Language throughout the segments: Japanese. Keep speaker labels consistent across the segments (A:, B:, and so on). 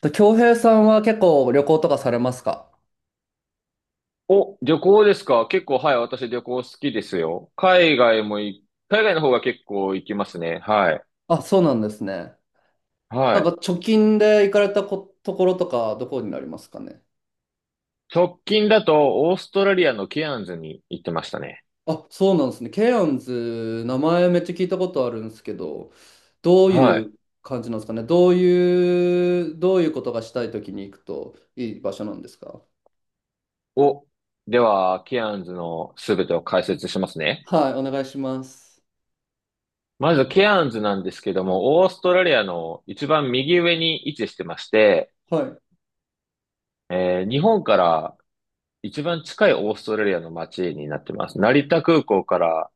A: と、京平さんは結構旅行とかされますか？
B: お、旅行ですか？結構、はい、私旅行好きですよ。海外も海外の方が結構行きますね。はい。
A: あ、そうなんですね。な
B: は
A: んか
B: い。
A: 貯金で行かれたころとかどこになりますかね。
B: 直近だと、オーストラリアのケアンズに行ってましたね。
A: あ、そうなんですね。ケアンズ、名前めっちゃ聞いたことあるんですけど、どう
B: は
A: いう
B: い。
A: 感じなんですかね。どういうことがしたいときに行くといい場所なんですか？
B: お、では、ケアンズのすべてを解説しますね。
A: はい、お願いします。
B: まず、ケアンズなんですけども、オーストラリアの一番右上に位置してまして、
A: はい、
B: 日本から一番近いオーストラリアの街になってます。成田空港から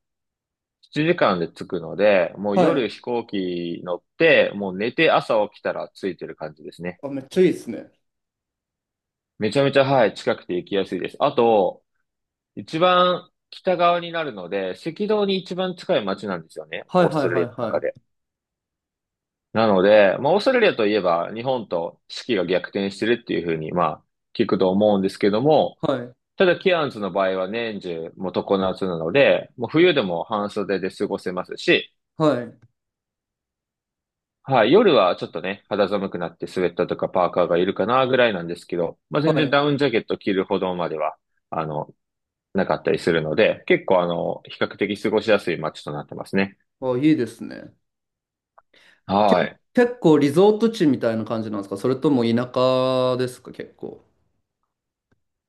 B: 7時間で着くので、もう
A: は
B: 夜
A: い。
B: 飛行機乗って、もう寝て朝起きたら着いてる感じですね。
A: あ、めっちゃいいですね。
B: めちゃめちゃ、はい、近くて行きやすいです。あと、一番北側になるので、赤道に一番近い街なんですよね。
A: はい
B: オース
A: はい
B: トラリ
A: は
B: ア
A: い
B: の
A: は
B: 中で。
A: い。
B: なので、まあ、オーストラリアといえば、日本と四季が逆転してるっていうふうに、まあ、聞くと思うんですけども、
A: はい、
B: ただ、ケアンズの場合は年中、もう常夏なので、もう冬でも半袖で過ごせますし、
A: はい、
B: はい、夜はちょっとね、肌寒くなってスウェットとかパーカーがいるかなぐらいなんですけど、まあ、
A: は
B: 全然
A: い。
B: ダウンジャケット着るほどまでは、あの、なかったりするので、結構比較的過ごしやすい街となってますね。
A: あ、いいですね。け、
B: はい。
A: 結構リゾート地みたいな感じなんですか？それとも田舎ですか結構。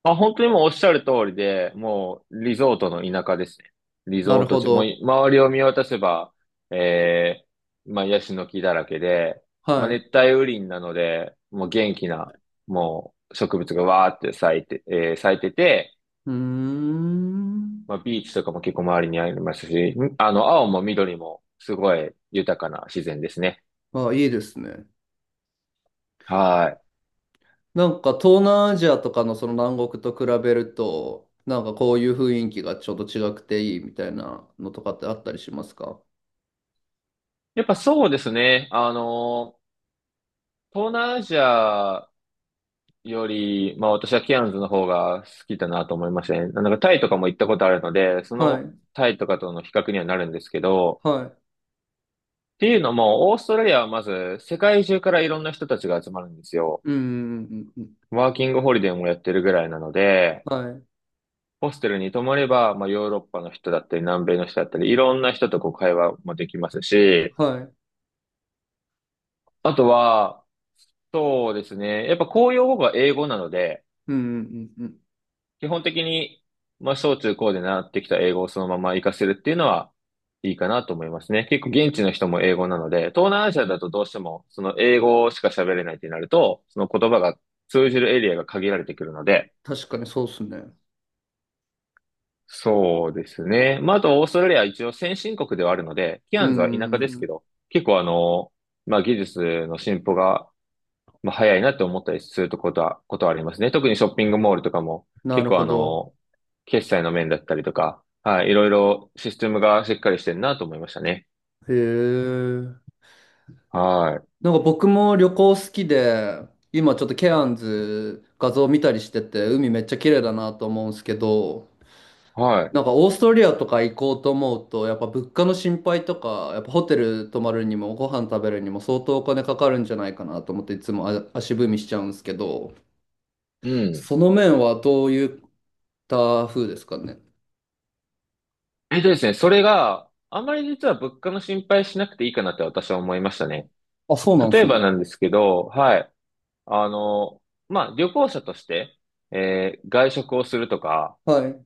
B: まあ、本当にもうおっしゃる通りで、もうリゾートの田舎ですね。リ
A: な
B: ゾ
A: る
B: ート
A: ほ
B: 地、もう
A: ど。
B: 周りを見渡せば、えまあ、ヤシの木だらけで、ま
A: は
B: あ、
A: い。
B: 熱帯雨林なので、もう元気な、もう植物がわーって咲いてて、
A: うーん。
B: まあ、ビーチとかも結構周りにありますし、青も緑もすごい豊かな自然ですね。
A: あ、いいですね。
B: はい。
A: なんか東南アジアとかのその南国と比べると、なんかこういう雰囲気がちょっと違くていいみたいなのとかってあったりしますか？
B: やっぱそうですね。東南アジアより、まあ私はケアンズの方が好きだなと思いましたね。なんかタイとかも行ったことあるので、そ
A: は
B: の
A: い。
B: タイとかとの比較にはなるんですけど、
A: はい。
B: っていうのも、オーストラリアはまず世界中からいろんな人たちが集まるんですよ。
A: うんうんうんうん。
B: ワーキングホリデーもやってるぐらいなので、
A: はい。
B: ホステルに泊まれば、まあ、ヨーロッパの人だったり、南米の人だったり、いろんな人とこう会話もできますし、
A: はい。
B: あとは、そうですね、やっぱ公用語が英語なので、
A: うんうんうんうん。
B: 基本的に、まあ、小中高で習ってきた英語をそのまま活かせるっていうのは、いいかなと思いますね。結構現地の人も英語なので、東南アジアだとどうしても、その英語しか喋れないってなると、その言葉が通じるエリアが限られてくるので、
A: 確かにそうっすね。
B: そうですね。まあ、あと、オーストラリアは一応先進国ではあるので、ケ
A: う
B: ア
A: ん
B: ンズは田
A: う
B: 舎です
A: んう
B: け
A: ん。
B: ど、結構まあ、技術の進歩が、まあ、早いなって思ったりするとことはありますね。特にショッピングモールとかも、
A: な
B: 結
A: る
B: 構
A: ほど。
B: 決済の面だったりとか、はい、いろいろシステムがしっかりしてるなと思いましたね。
A: へえ。
B: は
A: なんか僕も旅行好きで、今ちょっとケアンズ画像見たりしてて、海めっちゃ綺麗だなと思うんですけど、
B: い。はい。
A: なんかオーストリアとか行こうと思うと、やっぱ物価の心配とか、やっぱホテル泊まるにもご飯食べるにも相当お金かかるんじゃないかなと思っていつも足踏みしちゃうんですけど、
B: うん。
A: その面はどういった風ですかね。
B: えっとですね、それがあまり実は物価の心配しなくていいかなって私は思いましたね。
A: あ、そうなんで
B: 例
A: す
B: えば
A: ね。
B: なんですけど、はい。あの、まあ、旅行者として、外食をするとか、
A: はい。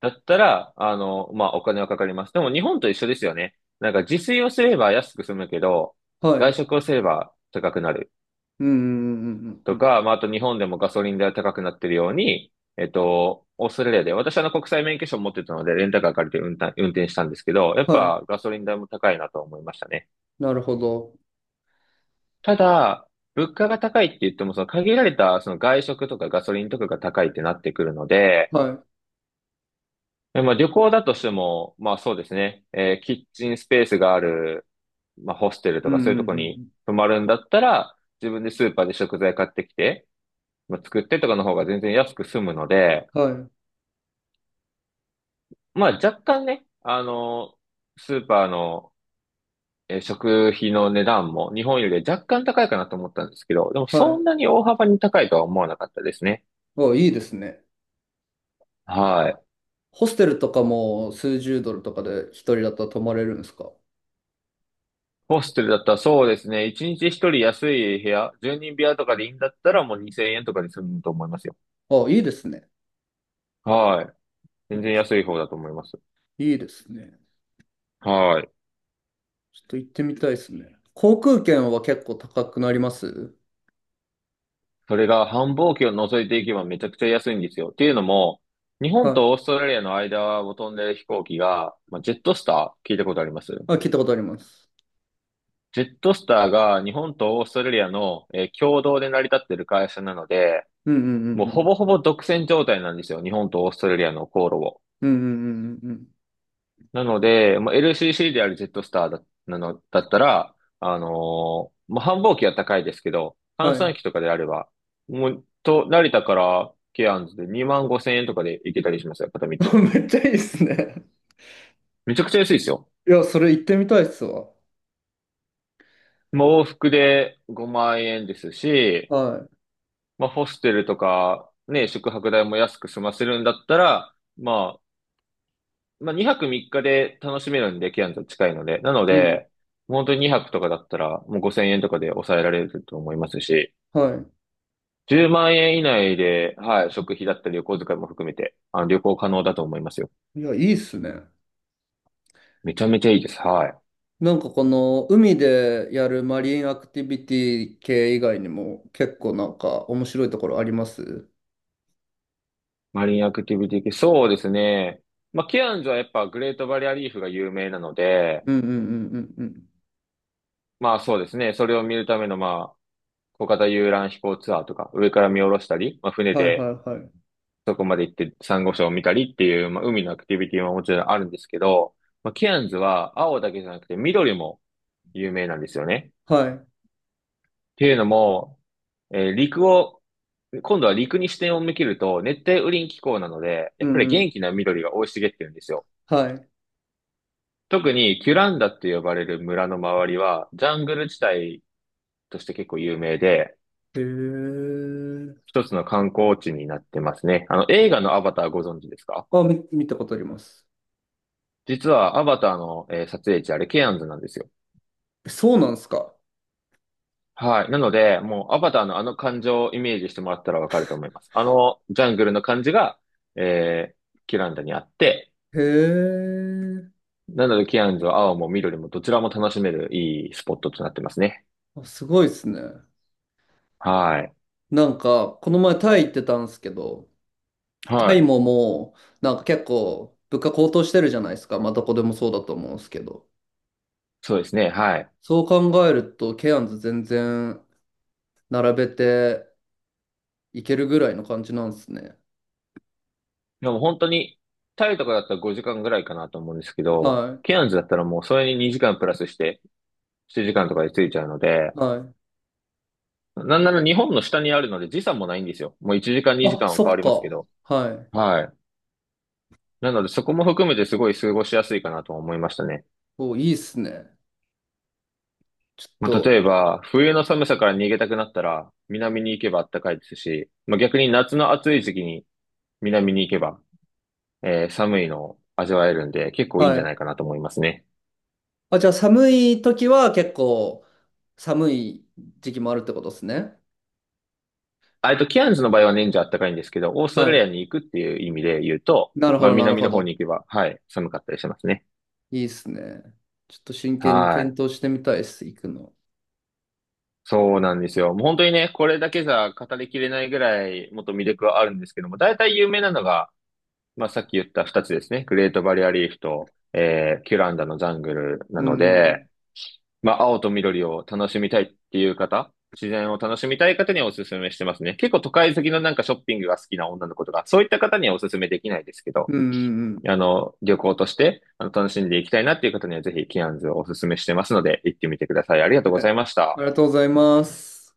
B: だったら、まあ、お金はかかります。でも、日本と一緒ですよね。なんか、自炊をすれば安く済むけど、
A: は
B: 外
A: い。
B: 食をすれば高くなる。
A: うんうんうんうんう
B: と
A: ん。
B: か、まあ、あと日本でもガソリン代は高くなってるように、オーストラリアで、私は国際免許証を持ってたので、レンタカー借りて運転したんですけど、やっ
A: はい。
B: ぱガソリン代も高いなと思いましたね。
A: なるほど。
B: ただ、物価が高いって言っても、その限られたその外食とかガソリンとかが高いってなってくるので、
A: はい。
B: まあ、旅行だとしても、まあそうですね、キッチンスペースがある、まあホステル
A: う
B: と
A: んう
B: か
A: ん
B: そういう
A: う
B: とこに
A: ん
B: 泊まるんだったら、自分でスーパーで食材買ってきて、まあ、作ってとかの方が全然安く済むので、
A: うん。はい。
B: まあ若干ね、スーパーの、食費の値段も日本より若干高いかなと思ったんですけど、でも
A: は
B: そん
A: い。
B: なに大幅に高いとは思わなかったですね。
A: お、いいですね。
B: はい。
A: ホステルとかも数十ドルとかで一人だったら泊まれるんですか？
B: ホステルだったらそうですね、1日1人安い部屋、1人部屋とかでいいんだったらもう2000円とかで済むと思いますよ。
A: あ、いいですね。
B: はい。全然安い方だと思います。
A: いいですね。
B: はい。
A: ちょっと行ってみたいですね。航空券は結構高くなります？
B: それが繁忙期を除いていけばめちゃくちゃ安いんですよ。っていうのも、日本
A: は
B: とオーストラリアの間を飛んでる飛行機が、まあ、ジェットスター聞いたことあります？
A: い。あ、聞いたことあります。
B: ジェットスターが日本とオーストラリアの、共同で成り立ってる会社なので、
A: うんうんう
B: もう
A: んう
B: ほ
A: ん。
B: ぼほぼ独占状態なんですよ。日本とオーストラリアの航路を。
A: うんうんうんうんうん。
B: なので、まあ、LCC であるジェットスターだ、なの、だったら、まあ、繁忙期は高いですけど、閑
A: は
B: 散
A: い。
B: 期とかであれば、もう、成田からケアンズで2万5千円とかで行けたりしますよ、片道。
A: めっちゃいいですね。
B: めちゃくちゃ安いですよ。
A: いや、それ行ってみたいっすわ。
B: まあ、往復で5万円ですし、
A: はい。
B: まあ、ホステルとか、ね、宿泊代も安く済ませるんだったら、まあ、2泊3日で楽しめるんで、ケアンズは近いので。なの
A: うん。
B: で、本当に2泊とかだったら、もう5千円とかで抑えられると思いますし、
A: は
B: 10万円以内で、はい、食費だったり旅行遣いも含めて、旅行可能だと思いますよ。
A: い。いや、いいっすね。
B: めちゃめちゃいいです。はい。
A: なんかこの海でやるマリンアクティビティ系以外にも結構なんか面白いところあります？
B: マリンアクティビティ系、そうですね。まあ、ケアンズはやっぱグレートバリアリーフが有名なので、
A: うんうんうんうんうん。
B: まあそうですね、それを見るための、まあ、小型遊覧飛行ツアーとか、上から見下ろしたり、まあ、船
A: はいは
B: で
A: いはい。
B: そこまで行ってサンゴ礁を見たりっていう、まあ、海のアクティビティはもちろんあるんですけど、まあ、ケアンズは青だけじゃなくて緑も有名なんですよね。
A: はい。
B: ていうのも、えー陸を、今度は陸に視点を向けると、熱帯雨林気候なので、
A: う
B: やっぱ
A: ん
B: り
A: うん。
B: 元気な緑が生い茂ってるんですよ。
A: はい。
B: 特にキュランダって呼ばれる村の周りは、ジャングル地帯として結構有名で、
A: へえ。
B: 一つの観光地になってますね。映画のアバターご存知ですか？
A: あ、見たことあります。
B: 実はアバターの、撮影地、あれケアンズなんですよ。
A: え、そうなんですか？
B: はい。なので、もうアバターのあの感情をイメージしてもらったらわかると思います。あのジャングルの感じが、えーキュランダにあって、
A: へえ。
B: なので、キアンズは青も緑もどちらも楽しめるいいスポットとなってますね。
A: あ、すごいですね。
B: はい。
A: なんか、この前タイ行ってたんですけど、タ
B: は
A: イ
B: い。
A: ももう、なんか結構物価高騰してるじゃないですか。まあどこでもそうだと思うんですけど。
B: そうですね。はい。
A: そう考えると、ケアンズ全然並べていけるぐらいの感じなんですね。
B: でも本当に、タイとかだったら5時間ぐらいかなと思うんですけど、
A: は
B: ケアンズだったらもうそれに2時間プラスして、7時間とかで着いちゃうので、
A: い。はい。
B: なんなら日本の下にあるので時差もないんですよ。もう1時間2
A: あ、
B: 時間は
A: そ
B: 変わ
A: っ
B: りますけど。
A: か。はい。
B: はい。なのでそこも含めてすごい過ごしやすいかなと思いましたね。
A: お、いいっすね。ちょっ
B: まあ、
A: と。
B: 例えば、冬の寒さから逃げたくなったら、南に行けば暖かいですし、まあ、逆に夏の暑い時期に南に行けば、寒いのを味わえるんで、結構いいん
A: は
B: じゃない
A: い。
B: かなと思いますね。
A: あ、じゃあ寒い時は結構寒い時期もあるってことですね。
B: キアンズの場合は年中暖かいんですけど、オーストラリ
A: は
B: アに行くっていう意味で言うと、
A: い。なるほ
B: まあ、
A: ど、なる
B: 南
A: ほ
B: の方
A: ど。
B: に行けば、はい、寒かったりしますね。
A: いいっすね。ちょっと真剣に
B: はい。
A: 検討してみたいっす、行くの。
B: そうなんですよ。もう本当にね、これだけじゃ語りきれないぐらい、もっと魅力はあるんですけども、大体有名なのが、まあ、さっき言った二つですね。グレートバリアリーフと、キュランダのジャングルな
A: う
B: の
A: んう
B: で、
A: ん。
B: まあ、青と緑を楽しみたいっていう方、自然を楽しみたい方にはおすすめしてますね。結構都会好きのなんかショッピングが好きな女の子とか、そういった方にはおすすめできないですけど、
A: うんうんうん。
B: 旅行として楽しんでいきたいなっていう方にはぜひケアンズをおすすめしてますので、行ってみてください。ありがとうご
A: はい、
B: ざいまし
A: あ
B: た。
A: りがとうございます。